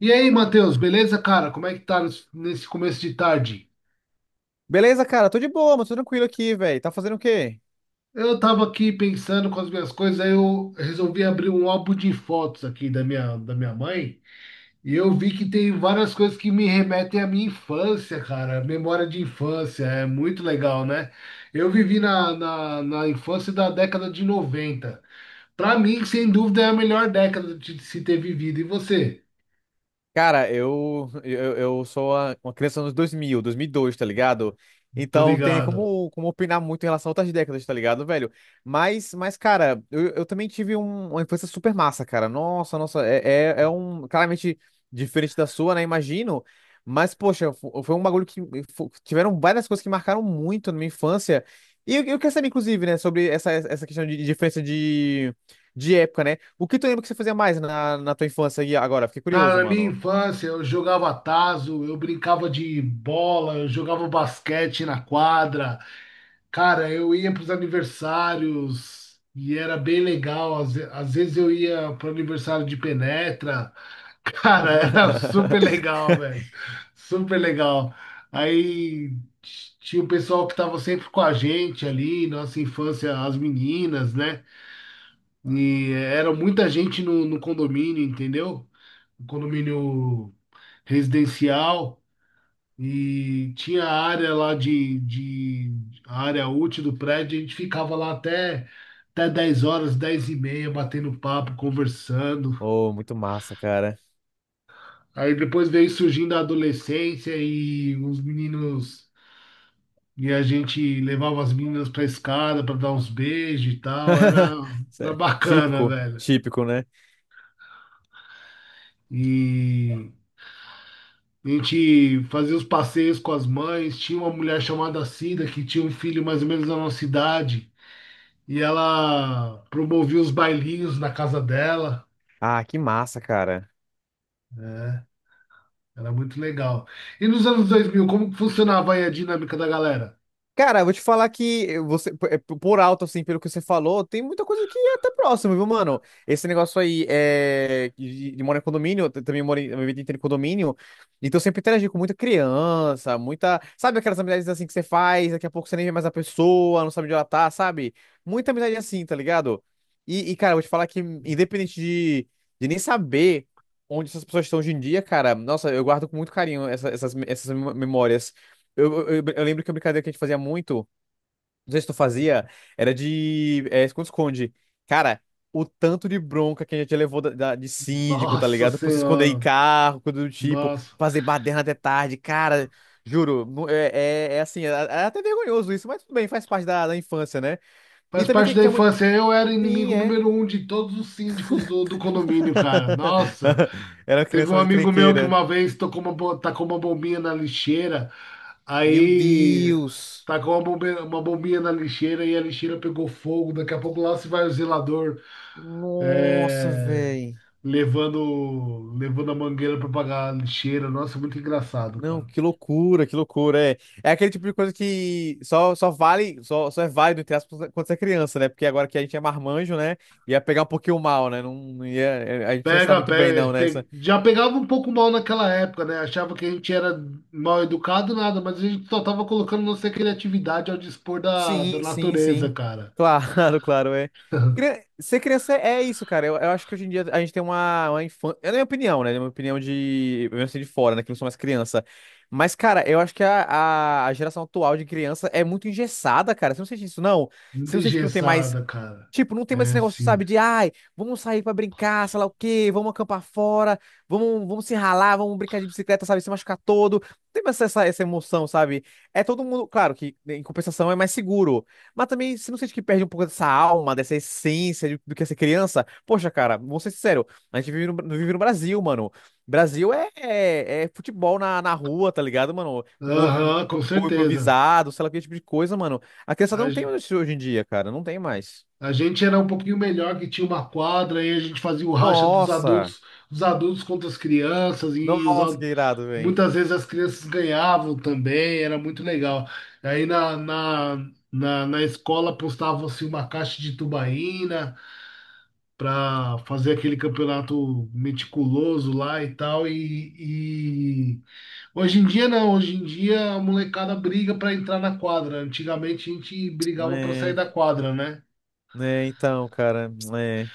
E aí, Matheus, beleza, cara? Como é que tá nesse começo de tarde? Beleza, cara? Tô de boa, mas tô tranquilo aqui, velho. Tá fazendo o quê? Eu tava aqui pensando com as minhas coisas, aí eu resolvi abrir um álbum de fotos aqui da minha mãe, e eu vi que tem várias coisas que me remetem à minha infância, cara. Memória de infância, é muito legal, né? Eu vivi na infância da década de 90. Pra mim, sem dúvida, é a melhor década de se ter vivido. E você? Cara, eu sou uma criança dos anos 2000, 2002, tá ligado? Tô Então não tem nem ligado. como opinar muito em relação a outras décadas, tá ligado, velho? Mas cara, eu também tive uma infância super massa, cara. Nossa, nossa, é um. Claramente diferente da sua, né? Imagino. Mas, poxa, foi um bagulho que. Tiveram várias coisas que marcaram muito na minha infância. E eu quero saber, inclusive, né? Sobre essa questão de diferença de época, né? O que tu lembra que você fazia mais na tua infância e agora? Fiquei Cara, curioso, na minha mano. infância, eu jogava tazo, eu brincava de bola, eu jogava basquete na quadra. Cara, eu ia para os aniversários e era bem legal. Às vezes eu ia para o aniversário de penetra. Cara, era super legal, velho. Super legal. Aí tinha o pessoal que estava sempre com a gente ali, nossa infância, as meninas, né? E era muita gente no condomínio, entendeu? Um condomínio residencial, e tinha a área lá de a área útil do prédio. A gente ficava lá até, até 10 horas, 10 e meia, batendo papo, conversando. Oh, muito massa, cara. Aí depois veio surgindo a adolescência e os meninos. E a gente levava as meninas pra escada pra dar uns beijos e tal. Era, Isso era é bacana, típico, velho. típico, né? E a gente fazia os passeios com as mães. Tinha uma mulher chamada Cida que tinha um filho mais ou menos da nossa idade. E ela promovia os bailinhos na casa dela, Ah, que massa, cara. né? Era muito legal. E nos anos 2000, como que funcionava aí a dinâmica da galera? Cara, eu vou te falar que você, é, por alto, assim, pelo que você falou, tem muita coisa que é até próximo, viu, mano? Esse negócio aí é, de morar em condomínio, eu também morei a minha vida inteira em condomínio, então eu sempre interagi com muita criança, muita. Sabe aquelas amizades assim que você faz, daqui a pouco você nem vê mais a pessoa, não sabe onde ela tá, sabe? Muita amizade assim, tá ligado? Cara, eu vou te falar que, independente de nem saber onde essas pessoas estão hoje em dia, cara, nossa, eu guardo com muito carinho essas memórias. Eu lembro que a brincadeira que a gente fazia muito, não sei se tu fazia, era de esconde-esconde. Cara, o tanto de bronca que a gente levou de síndico, tá Nossa ligado? Por se esconder em Senhora, carro, coisa do tipo, nossa. fazer baderna até tarde, cara. Juro, é assim, é até vergonhoso isso, mas tudo bem, faz parte da infância, né? E Faz também parte da tinha muito. infância. Eu era Sim, inimigo é. número um de todos os síndicos do condomínio, cara. Nossa, Era uma teve criança um mais amigo meu que encrenqueira. uma vez tocou uma, tacou uma bombinha na lixeira, Meu aí Deus! tacou uma bombinha na lixeira, e a lixeira pegou fogo. Daqui a pouco lá se vai o zelador. Nossa, É, velho. levando, levando a mangueira para pagar a lixeira. Nossa, muito engraçado, Não, cara. que loucura, que loucura. É aquele tipo de coisa que só vale, só é válido, entre aspas, quando você é criança, né? Porque agora que a gente é marmanjo, né? Ia pegar um pouquinho mal, né? Não, não ia, é, a gente não está muito bem, não, nessa. Já pegava um pouco mal naquela época, né? Achava que a gente era mal educado, nada, mas a gente só tava colocando nossa criatividade ao dispor da Sim, sim, natureza, sim. cara. Claro, claro, é. Ser criança é isso, cara. Eu acho que hoje em dia a gente tem uma infância. É a minha opinião, né? É a minha opinião de. Eu venho assim de fora, né? Que eu não sou mais criança. Mas, cara, eu acho que a geração atual de criança é muito engessada, cara. Você não sente isso, não? Muito Você não sente que não tem mais. engessada, cara. Tipo, não tem mais esse É, negócio, sim. sabe, de ai, vamos sair pra brincar, sei lá o quê, vamos acampar fora, vamos se ralar, vamos brincar de bicicleta, sabe, se machucar todo. Não tem mais essa emoção, sabe? É todo mundo, claro que né, em compensação é mais seguro, mas também você não sente que perde um pouco dessa alma, dessa essência de- do que é ser criança? Poxa, cara, vamos ser sincero, a gente vive no Brasil, mano. Brasil é futebol na rua, tá ligado, mano? Com gol, com Aham, com gol gol certeza. improvisado, sei lá que tipo de coisa, mano. A criançada não tem mais isso hoje em dia, cara, não tem mais. A gente era um pouquinho melhor, que tinha uma quadra, e a gente fazia o racha dos Nossa! adultos, os adultos contra as crianças, e Nossa, que irado, velho. muitas vezes as crianças ganhavam também, era muito legal. Aí na escola postava-se uma caixa de tubaína para fazer aquele campeonato meticuloso lá e tal, hoje em dia não, hoje em dia a molecada briga para entrar na quadra. Antigamente a gente brigava para sair É, da quadra, né? né, então, cara. É.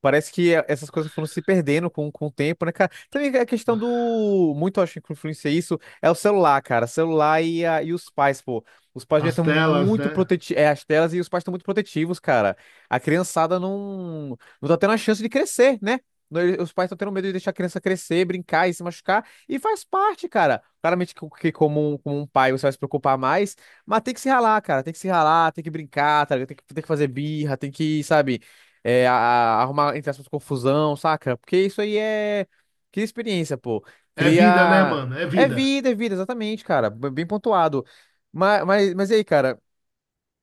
Parece que essas coisas foram se perdendo com o tempo, né, cara? Também é a questão do. Muito eu acho que influencia isso. É o celular, cara. Celular e os pais, pô. Os pais já As estão telas, muito né? protetivos. É, as telas e os pais estão muito protetivos, cara. A criançada não. Não tá tendo a chance de crescer, né? No- ele- Os pais estão tendo medo de deixar a criança crescer, brincar e se machucar. E faz parte, cara. Claramente que como um pai você vai se preocupar mais. Mas tem que se ralar, cara. Tem que se ralar, tem que brincar, tá ligado? Tem que fazer birra, sabe? Arrumar, entre aspas, confusão, saca? Porque isso aí é. Cria experiência, pô. É vida, né, Cria. mano? É vida. É vida, exatamente, cara. Bem pontuado. Mas e aí, cara?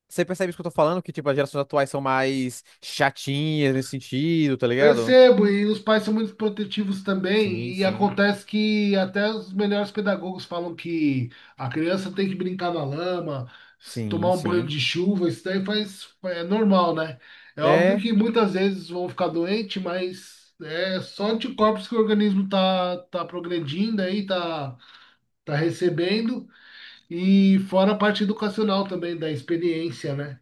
Você percebe isso que eu tô falando? Que, tipo, as gerações atuais são mais chatinhas nesse sentido, tá ligado? Percebo, e os pais são muito protetivos Sim, também, e sim. acontece que até os melhores pedagogos falam que a criança tem que brincar na lama, tomar Sim, um banho sim. de chuva, isso daí faz, é normal, né? É óbvio É. que muitas vezes vão ficar doentes, mas é só anticorpos que o organismo tá, tá progredindo aí, tá, tá recebendo, e fora a parte educacional também, da experiência, né?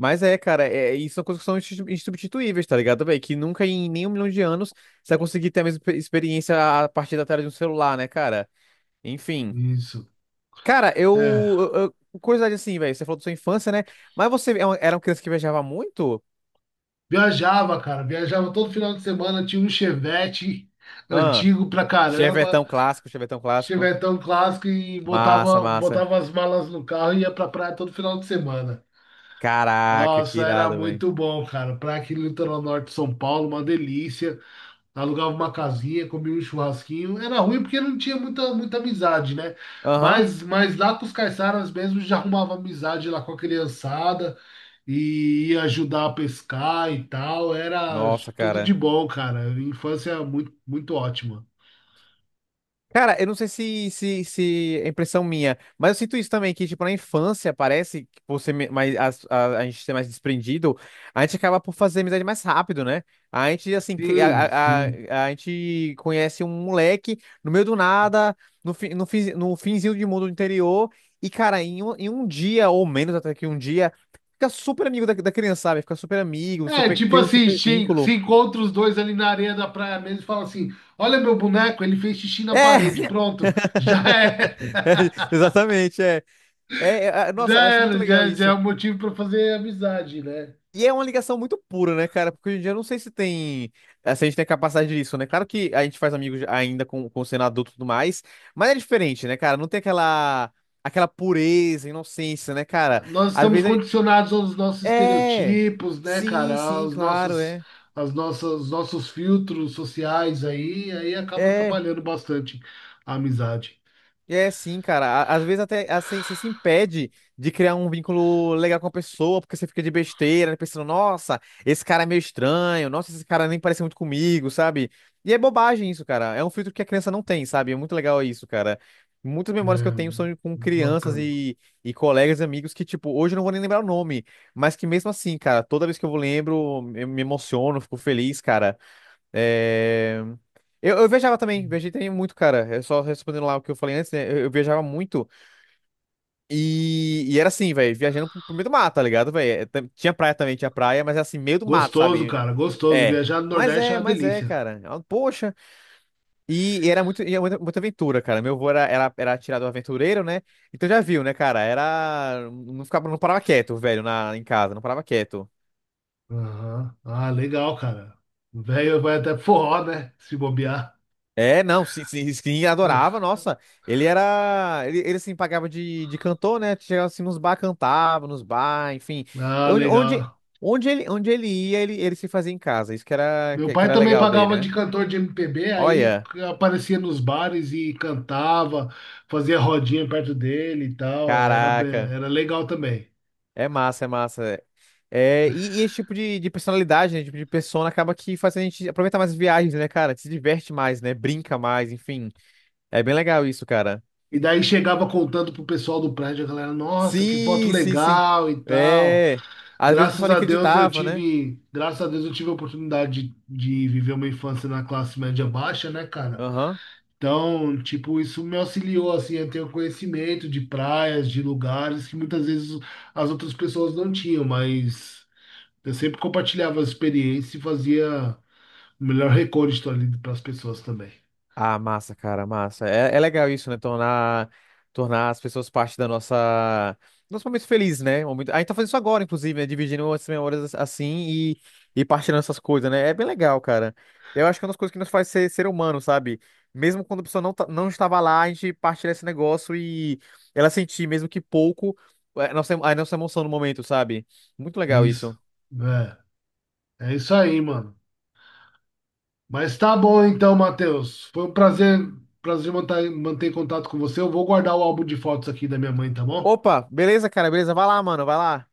Mas é, cara, é, e são coisas que são insubstituíveis, tá ligado, velho? Que nunca em nenhum milhão de anos você vai conseguir ter a mesma experiência a partir da tela de um celular, né, cara? Enfim. Isso. Cara, É. Curiosidade assim, velho. Você falou da sua infância, né? Mas você é era uma criança que viajava muito? Viajava, cara, viajava todo final de semana, tinha um Chevette Ah, antigo pra caramba, Chevetão clássico, Chevetão clássico. Chevetão clássico, e Massa, botava, massa. botava as malas no carro e ia pra praia todo final de semana. Caraca, que Nossa, era irado, velho. muito bom, cara. Praia aqui no litoral norte de São Paulo, uma delícia. Alugava uma casinha, comia um churrasquinho. Era ruim porque não tinha muita, muita amizade, né? Aham. Mas lá com os caiçaras mesmo já arrumava amizade lá com a criançada, e ia ajudar a pescar e tal. Era Nossa, tudo de cara. bom, cara. Infância muito, muito ótima. Cara, eu não sei se, se, se é impressão minha, mas eu sinto isso também, que, tipo, na infância, parece que por ser mais, a gente ser mais desprendido, a gente acaba por fazer amizade mais rápido, né? A gente, assim, Sim, a, sim. a gente conhece um moleque no meio do nada, no finzinho de mundo do interior, e, cara, em um dia, ou menos até que um dia, fica super amigo da criança, sabe? Fica super amigo, É, super, tipo cria um assim, super se vínculo. encontra os dois ali na areia da praia mesmo e fala assim: olha meu boneco, ele fez xixi É! na parede. Pronto, já é. Exatamente, é. Nossa, eu acho muito legal já é isso. um motivo para fazer amizade, né? E é uma ligação muito pura, né, cara? Porque hoje em dia eu não sei se tem. Se a gente tem a capacidade disso, né? Claro que a gente faz amigos ainda com sendo adulto e tudo mais, mas é diferente, né, cara? Não tem aquela. Aquela pureza, inocência, né, cara? Nós Às estamos vezes. condicionados aos nossos É. estereotipos, né, cara? Sim, sim, Aos claro, nossos, é. Nossos filtros sociais aí, aí acaba É. atrapalhando bastante a amizade. É sim, cara. Às vezes até assim, você se impede de criar um vínculo legal com a pessoa, porque você fica de besteira, né, pensando, nossa, esse cara é meio estranho, nossa, esse cara nem parece muito comigo, sabe? E é bobagem isso, cara. É um filtro que a criança não tem, sabe? É muito legal isso, cara. Muitas memórias que eu É, tenho são com muito crianças bacana. e colegas e amigos que, tipo, hoje eu não vou nem lembrar o nome, mas que mesmo assim, cara, toda vez que eu lembro, eu me emociono, fico feliz, cara. É. Eu viajava também, viajei também muito, cara. É só respondendo lá o que eu falei antes, né? Eu viajava muito. E era assim, velho, viajando pro meio do mato, tá ligado, velho? É, tinha praia também, tinha praia, mas era assim, meio do mato, Gostoso, sabe? cara, gostoso. É. Viajar no Mas Nordeste é é, uma mas é, delícia. cara. Ah, poxa. E era muita, muita aventura, cara. Meu avô era atirador aventureiro, né? Então já viu, né, cara? Era. Não ficava, não parava quieto, velho, na, em casa, não parava quieto. Aham. Ah, legal, cara. O velho vai até forró, né? Se bobear. É, não, sim, sim, sim, adorava, nossa. Ele era. Ele assim, pagava de cantor, né? Chegava assim nos bar, cantava, nos bar, enfim. Ah, Onde, onde, legal. onde ele ia, ele se fazia em casa. Isso que era, Meu que pai era também legal dele, pagava de né? cantor de MPB, aí Olha, aparecia nos bares e cantava, fazia rodinha perto dele e tal, era, caraca. era legal também. É massa, é massa. É, e esse tipo de personalidade, né? Tipo de persona acaba que faz a gente aproveitar mais as viagens, né, cara? Se diverte mais, né? Brinca mais, enfim. É bem legal isso, cara. E daí chegava contando pro pessoal do prédio, a galera, nossa, que foto Sim, sim, sim. legal e tal. É. Às vezes o pessoal Graças nem a Deus eu acreditava, né? tive, graças a Deus eu tive a oportunidade de viver uma infância na classe média baixa, né, cara? Aham. Então, tipo, isso me auxiliou assim a ter o conhecimento de praias, de lugares que muitas vezes as outras pessoas não tinham, mas eu sempre compartilhava as experiências e fazia o melhor recorde ali para as pessoas também. Ah, massa, cara, massa. É, é legal isso, né? Tornar as pessoas parte da nossa. Nosso momento feliz, né? Um momento- A gente tá fazendo isso agora, inclusive, né? Dividindo essas memórias assim e partilhando essas coisas, né? É bem legal, cara. Eu acho que é uma das coisas que nos faz ser humano, sabe? Mesmo quando a pessoa não estava lá, a gente partilha esse negócio e ela sentir, mesmo que pouco, é, a nossa emoção no momento, sabe? Muito legal isso. Isso. É, é isso aí, mano. Mas tá bom então, Matheus. Foi um prazer, prazer manter, manter contato com você. Eu vou guardar o álbum de fotos aqui da minha mãe, tá bom? Opa, beleza, cara, beleza? Vai lá, mano, vai lá.